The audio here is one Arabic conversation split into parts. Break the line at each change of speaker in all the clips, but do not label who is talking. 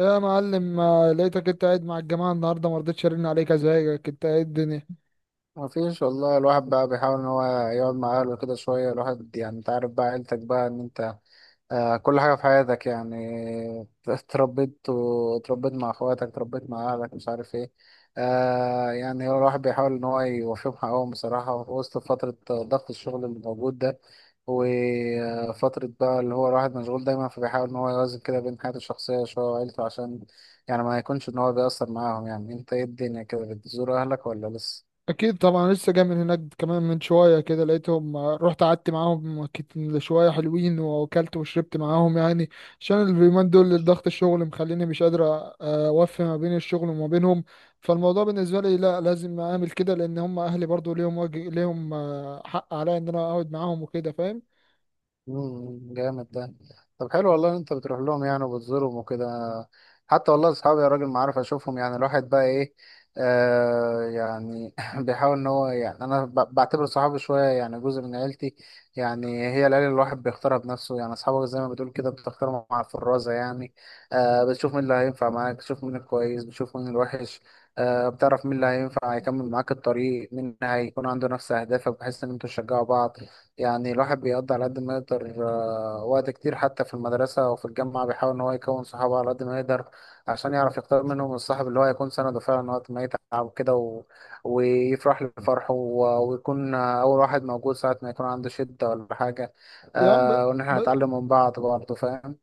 يا معلم، ما لقيتك انت قاعد مع الجماعة النهاردة، ما رضيتش ارن عليك. ازيك؟ انت ايه الدنيا؟
ما فيش والله، الواحد بقى بيحاول ان هو يقعد مع اهله كده شويه. الواحد يعني انت عارف بقى عيلتك بقى ان انت كل حاجه في حياتك يعني اتربيت واتربيت مع اخواتك، اتربيت مع اهلك، مش عارف ايه. يعني هو الواحد بيحاول ان هو يوفيهم حقهم بصراحه، في وسط فتره ضغط الشغل اللي موجود ده، وفترة بقى اللي هو الواحد مشغول دايما، فبيحاول إن هو يوازن كده بين حياته الشخصية شوية وعيلته، عشان يعني ما يكونش إن هو بيأثر معاهم. يعني أنت إيه الدنيا كده، بتزور أهلك ولا لسه؟
اكيد طبعا، لسه جاي من هناك كمان من شوية كده، لقيتهم، رحت قعدت معاهم شوية، حلوين واكلت وشربت معاهم يعني. عشان اليومين دول ضغط الشغل مخليني مش قادر اوفي ما بين الشغل وما بينهم. فالموضوع بالنسبة لي لا، لازم اعمل كده، لان هم اهلي برضو ليهم واجب، ليهم حق عليا ان انا اقعد معاهم وكده. فاهم؟
مم، جامد ده. طب حلو والله ان انت بتروح لهم يعني وبتزورهم وكده. حتى والله اصحابي يا راجل ما عارف اشوفهم، يعني الواحد بقى ايه. يعني بيحاول ان هو يعني، انا بعتبر صحابي شويه يعني جزء من عيلتي يعني. هي العيله اللي الواحد بيختارها بنفسه، يعني اصحابك زي ما بتقول كده بتختارهم مع الفرازه يعني. آه، بتشوف مين اللي هينفع معاك، بتشوف مين الكويس، بتشوف مين الوحش. آه، بتعرف مين اللي هينفع هيكمل معاك الطريق، مين هيكون عنده نفس اهدافك، بحيث ان انتوا تشجعوا بعض يعني. الواحد بيقضي على قد ما يقدر، وقت كتير حتى في المدرسة أو في الجامعة، بيحاول إن هو يكون صحابه على قد ما يقدر، عشان يعرف يختار منهم الصاحب اللي هو يكون سنده فعلا وقت ما يتعب كده، ويفرح لفرحه، ويكون أول واحد موجود ساعة ما يكون عنده شدة ولا حاجة.
يا عم، ب...
آه، وإن إحنا نتعلم من بعض برضه، فاهم.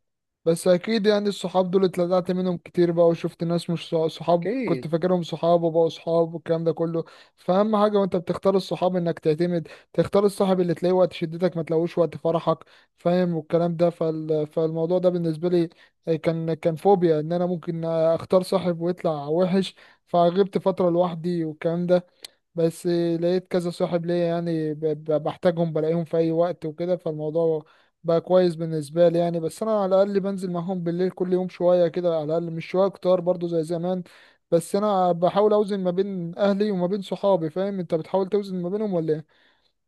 بس اكيد يعني الصحاب دول اتلدعت منهم كتير بقى، وشفت ناس مش صحاب، كنت
أكيد.
فاكرهم صحاب وبقوا صحاب والكلام ده كله. فاهم حاجه، وانت بتختار الصحاب انك تعتمد تختار الصاحب اللي تلاقيه وقت شدتك ما تلاقوش وقت فرحك. فاهم؟ والكلام ده، فالموضوع ده بالنسبه لي كان فوبيا ان انا ممكن اختار صاحب ويطلع وحش. فغبت فتره لوحدي والكلام ده، بس لقيت كذا صاحب ليا، يعني بحتاجهم، بلاقيهم في اي وقت وكده، فالموضوع بقى كويس بالنسبه لي يعني. بس انا على الاقل بنزل معاهم بالليل كل يوم شويه كده، على الاقل مش شويه كتار برضو زي زمان. بس انا بحاول اوزن ما بين اهلي وما بين صحابي. فاهم؟ انت بتحاول توزن ما بينهم ولا إيه؟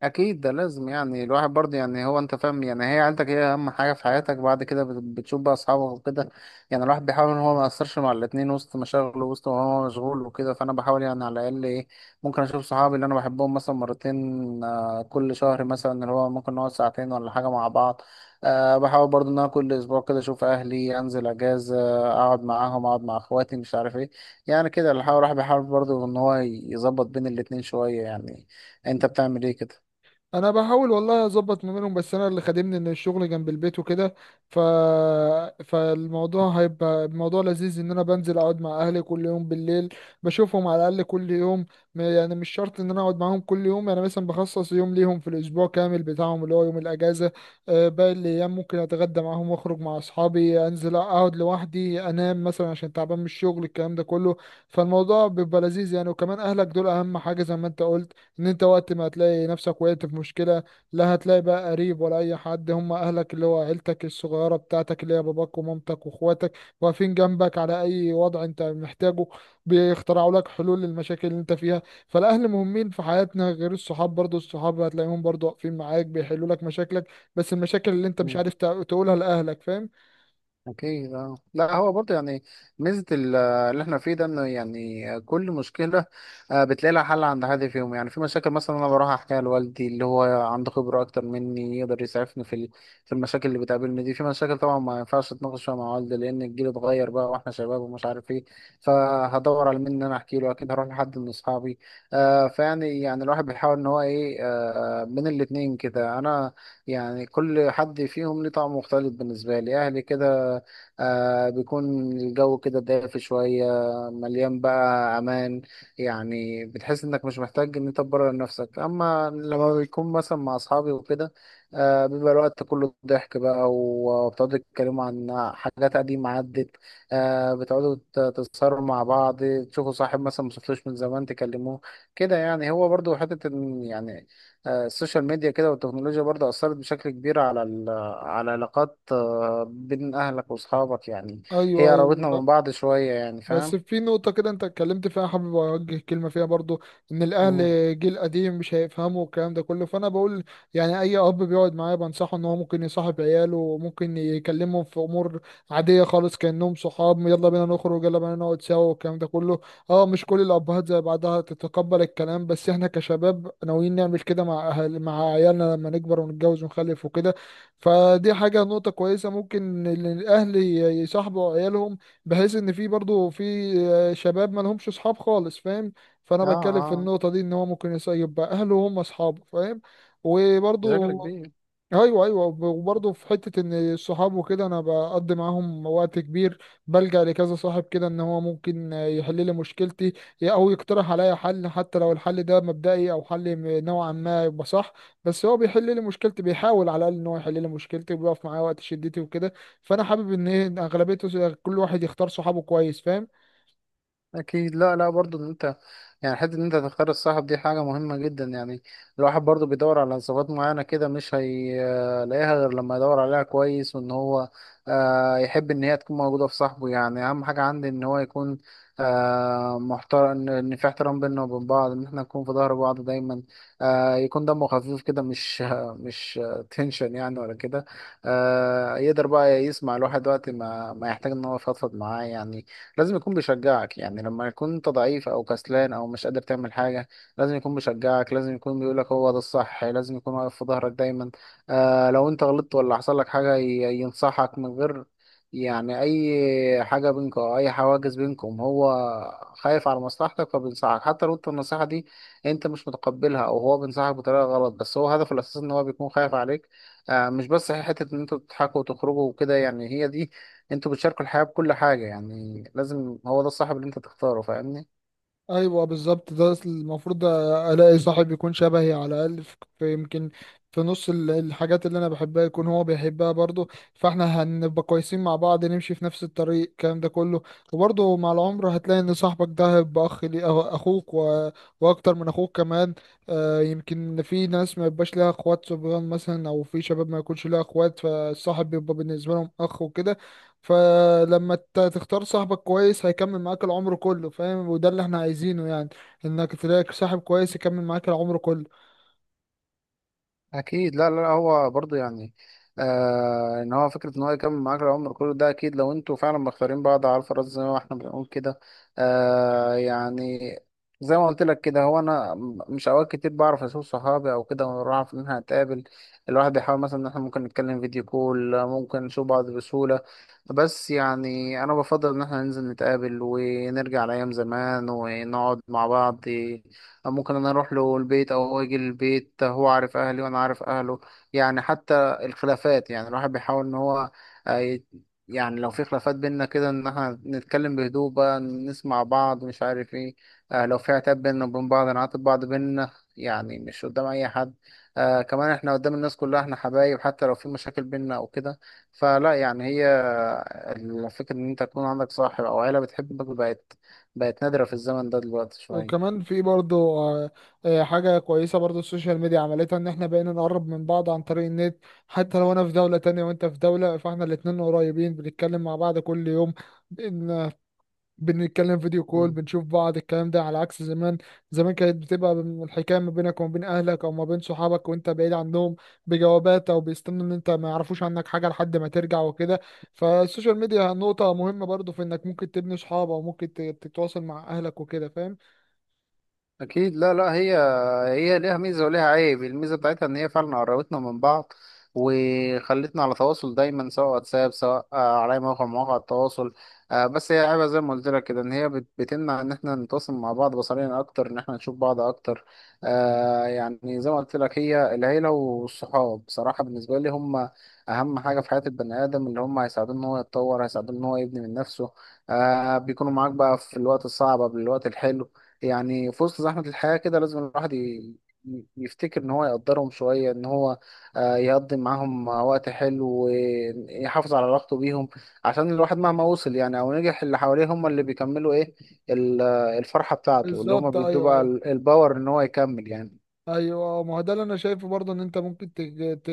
اكيد ده لازم يعني. الواحد برضه يعني، هو انت فاهم يعني، هي عيلتك هي اهم حاجه في حياتك، بعد كده بتشوف بقى اصحابك وكده. يعني الواحد بيحاول ان هو ما ياثرش مع الاتنين، وسط مشاغله، وسط ما هو مشغول وكده، فانا بحاول يعني على الاقل ايه، ممكن اشوف صحابي اللي انا بحبهم مثلا مرتين كل شهر مثلا، اللي هو ممكن نقعد ساعتين ولا حاجه مع بعض. أه، بحاول برضه ان انا كل اسبوع كده اشوف اهلي، انزل اجازه، اقعد معاهم، اقعد مع اخواتي، مش عارف ايه. يعني كده الواحد بيحاول برضه ان هو يظبط بين الاتنين شويه يعني. انت بتعمل ايه كده؟
انا بحاول والله اظبط ما بينهم، بس انا اللي خادمني ان الشغل جنب البيت وكده. ف... فالموضوع هيبقى الموضوع لذيذ، ان انا بنزل اقعد مع اهلي كل يوم بالليل، بشوفهم على الاقل كل يوم. يعني مش شرط ان انا اقعد معاهم كل يوم، يعني مثلا بخصص يوم ليهم في الاسبوع كامل بتاعهم، اللي هو يوم الاجازه. باقي الايام ممكن اتغدى معاهم، واخرج مع اصحابي، انزل اقعد لوحدي، انام مثلا عشان تعبان من الشغل، الكلام ده كله. فالموضوع بيبقى لذيذ يعني. وكمان اهلك دول اهم حاجه، زي ما انت قلت، ان انت وقت ما هتلاقي نفسك وقعت في مشكلة، لا هتلاقي بقى قريب ولا اي حد. هم اهلك، اللي هو عيلتك الصغيرة بتاعتك، اللي هي باباك ومامتك واخواتك، واقفين جنبك على اي وضع انت محتاجه، بيخترعوا لك حلول للمشاكل اللي انت فيها. فالاهل مهمين في حياتنا غير الصحاب. برضو الصحاب هتلاقيهم برضو واقفين معاك بيحلوا لك مشاكلك، بس المشاكل اللي انت مش
مم.
عارف تقولها لاهلك. فاهم؟
أكيد. أه، لا هو برضه يعني ميزة اللي إحنا فيه ده، إنه يعني كل مشكلة بتلاقي لها حل عند حد فيهم. يعني في مشاكل مثلا أنا بروح أحكيها لوالدي اللي هو عنده خبرة أكتر مني، يقدر يسعفني في في المشاكل اللي بتقابلني دي. في مشاكل طبعا ما ينفعش أتناقش فيها مع والدي، لأن الجيل اتغير بقى وإحنا شباب ومش عارف إيه، فهدور على مين إن أنا أحكي له؟ أكيد هروح لحد من أصحابي. آه، يعني الواحد بيحاول إن هو إيه، من الاتنين كده. أنا يعني كل حد فيهم ليه طعم مختلف بالنسبة لي. أهلي كده بيكون الجو كده دافي شوية، مليان بقى أمان. يعني بتحس إنك مش محتاج إن أنت تبرر نفسك. أما لما بيكون مثلا مع أصحابي وكده، آه، بيبقى الوقت كله ضحك بقى، وبتقعدوا تتكلموا عن حاجات قديمة عدت. آه، بتقعدوا تتصاروا مع بعض، تشوفوا صاحب مثلا مشفتوش من زمان تكلموه كده. يعني هو برضو حتة إن يعني، آه، السوشيال ميديا كده والتكنولوجيا برضو أثرت بشكل كبير على على علاقات بين أهلك وأصحابك يعني.
ايوه،
هي قربتنا
ايوه.
من بعض شوية يعني،
بس
فاهم.
في نقطة كده انت اتكلمت فيها، حابب اوجه كلمة فيها برضو، ان
مم.
الاهل جيل قديم مش هيفهموا الكلام ده كله، فانا بقول، يعني اي اب بيقعد معايا بنصحه ان هو ممكن يصاحب عياله، وممكن يكلمهم في امور عادية خالص، كأنهم صحاب: يلا بينا نخرج، يلا بينا نقعد سوا، والكلام ده كله. اه، مش كل الابهات زي بعضها تتقبل الكلام. بس احنا كشباب ناويين نعمل كده مع اهل، مع عيالنا، لما نكبر ونتجوز ونخلف وكده. فدي حاجة، نقطة كويسة، ممكن إن الأهل يصاحبوا عيالهم، بحيث ان في برضه، في شباب ما لهمش اصحاب خالص. فاهم؟ فانا
اه.
بتكلم في
اه،
النقطه دي، ان هو ممكن يسيب بقى اهله هم اصحابه. فاهم؟ وبرضه
بشكل كبير.
ايوه، ايوه. وبرضه في حته ان الصحاب وكده انا بقضي معاهم وقت كبير، بلجأ لكذا صاحب كده، ان هو ممكن يحل لي مشكلتي، او يقترح عليا حل. حتى لو الحل ده مبدئي او حل نوعا ما يبقى صح، بس هو بيحل لي مشكلتي، بيحاول على الاقل ان هو يحل لي مشكلتي، وبيقف معايا وقت شدتي وكده. فانا حابب ان إن اغلبيته كل واحد يختار صحابه كويس. فاهم؟
أكيد، لا لا برضو إن أنت يعني حتة إن أنت تختار الصاحب، دي حاجة مهمة جدا يعني. الواحد برضو بيدور على صفات معينة كده، مش هيلاقيها غير لما يدور عليها كويس، وإن هو يحب إن هي تكون موجودة في صاحبه. يعني أهم حاجة عندي إن هو يكون محترم، إن في احترام بيننا وبين بعض، إن إحنا نكون في ظهر بعض دايما. آه، يكون دمه خفيف كده، مش تنشن يعني ولا كده. آه، يقدر بقى يسمع الواحد وقت ما يحتاج إن هو يفضفض معاه يعني. لازم يكون بيشجعك، يعني لما يكون انت ضعيف او كسلان او مش قادر تعمل حاجه، لازم يكون بيشجعك، لازم يكون بيقولك هو ده الصح، لازم يكون واقف في ظهرك دايما. آه، لو انت غلطت ولا حصل لك حاجه، ينصحك من غير يعني اي حاجه بينكم او اي حواجز بينكم. هو خايف على مصلحتك فبينصحك، حتى لو انت النصيحه دي انت مش متقبلها، او هو بينصحك بطريقه غلط، بس هو هدفه الاساسي ان هو بيكون خايف عليك. آه، مش بس حته ان انتوا تضحكوا وتخرجوا وكده يعني، هي دي، انتوا بتشاركوا الحياة بكل حاجة يعني. لازم هو ده الصاحب اللي انت تختاره، فاهمني.
ايوه بالظبط، ده المفروض الاقي صاحب يكون شبهي، على الاقل في يمكن في نص الحاجات اللي انا بحبها يكون هو بيحبها برضه. فاحنا هنبقى كويسين مع بعض، نمشي في نفس الطريق، الكلام ده كله. وبرضه مع العمر هتلاقي ان صاحبك ده هيبقى اخ لي، اخوك واكتر من اخوك كمان. يمكن في ناس ما يبقاش لها اخوات صبيان مثلا، او في شباب ما يكونش لها اخوات، فالصاحب بيبقى بالنسبه لهم اخ وكده. فلما تختار صاحبك كويس هيكمل معاك العمر كله. فاهم؟ وده اللي احنا عايزينه يعني، انك تلاقي صاحب كويس يكمل معاك العمر كله.
اكيد، لا لا لا، هو برضه يعني، آه، ان هو فكره ان هو يكمل معاك العمر كله ده اكيد، لو انتوا فعلا مختارين بعض على الفراز زي ما احنا بنقول كده. آه، يعني زي ما قلت لك كده، هو انا مش اوقات كتير بعرف اشوف صحابي او كده ونروح اعرف ان احنا هنتقابل. الواحد بيحاول مثلا ان احنا ممكن نتكلم فيديو كول، ممكن نشوف بعض بسهوله، بس يعني انا بفضل ان احنا ننزل نتقابل ونرجع لايام زمان ونقعد مع بعض. ممكن انا اروح له البيت او هو يجي البيت، هو عارف اهلي وانا عارف اهله. يعني حتى الخلافات، يعني الواحد بيحاول ان هو آه، ي- يعني لو في خلافات بينا كده، ان احنا نتكلم بهدوء بقى، نسمع بعض، مش عارف ايه. آه، لو في عتاب بينا وبين بعض، نعاتب بعض بينا يعني، مش قدام اي حد. آه، كمان احنا قدام الناس كلها احنا حبايب، حتى لو في مشاكل بينا او كده. فلا يعني هي آه، الفكرة ان انت تكون عندك صاحب او عيلة بتحبك، بقت بقت نادرة في الزمن ده دلوقتي شوية.
وكمان في برضو حاجة كويسة برضو. السوشيال ميديا عملتها ان احنا بقينا نقرب من بعض عن طريق النت، حتى لو انا في دولة تانية وانت في دولة، فاحنا الاتنين قريبين، بنتكلم مع بعض كل يوم، بنتكلم فيديو كول، بنشوف بعض، الكلام ده على عكس زمان. زمان كانت بتبقى الحكايه ما بينك وما بين اهلك، او ما بين صحابك وانت بعيد عنهم، بجوابات، او بيستنوا ان انت ما يعرفوش عنك حاجه لحد ما ترجع وكده. فالسوشيال ميديا نقطه مهمه برضو، في انك ممكن تبني صحاب او ممكن تتواصل مع اهلك وكده. فاهم؟
اكيد، لا لا، هي هي ليها ميزه وليها عيب. الميزه بتاعتها ان هي فعلا قربتنا من بعض وخلتنا على تواصل دايما، سواء واتساب، سواء على أي موقع من مواقع التواصل. آه، بس هي عيبها زي ما قلت لك كده، ان هي بتمنع ان احنا نتواصل مع بعض بصريا اكتر، ان احنا نشوف بعض اكتر. آه، يعني زي ما قلت لك، هي العيله والصحاب بصراحه بالنسبه لي هم اهم حاجه في حياه البني ادم، اللي هم هيساعدوه ان هو يتطور، هيساعدوه ان هو يبني من نفسه. آه، بيكونوا معاك بقى في الوقت الصعب قبل الوقت الحلو. يعني في وسط زحمة الحياة كده، لازم الواحد يفتكر إن هو يقدرهم شوية، إن هو يقضي معاهم وقت حلو ويحافظ على علاقته بيهم. عشان الواحد مهما وصل يعني أو نجح، اللي حواليه هم اللي بيكملوا إيه الفرحة بتاعته. اللي هم
بالظبط،
بيدوه
ايوه،
بقى
أيوه.
الباور إن هو يكمل يعني.
ايوه، ما هو ده اللي انا شايفه برضه، ان انت ممكن تج- ت...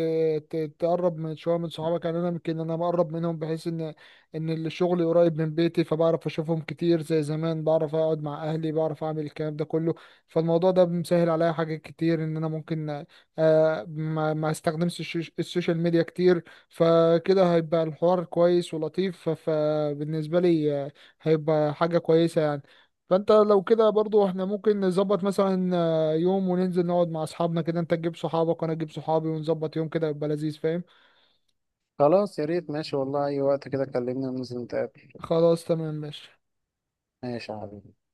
ت... تقرب من شويه من صحابك. يعني انا يمكن انا مقرب منهم، بحيث ان الشغل قريب من بيتي، فبعرف اشوفهم كتير زي زمان، بعرف اقعد مع اهلي، بعرف اعمل الكلام ده كله. فالموضوع ده مسهل عليا حاجات كتير، ان انا ممكن ما استخدمش السوشيال ميديا كتير. فكده هيبقى الحوار كويس ولطيف، فبالنسبه لي هيبقى حاجه كويسه يعني. فانت لو كده برضو، احنا ممكن نظبط مثلا يوم وننزل نقعد مع اصحابنا، كده انت تجيب صحابك وانا اجيب صحابي ونظبط يوم، كده يبقى لذيذ. فاهم؟
خلاص يا ريت، ماشي والله، أي وقت كده كلمني وننزل نتقابل.
خلاص تمام ماشي.
ماشي يا حبيبي.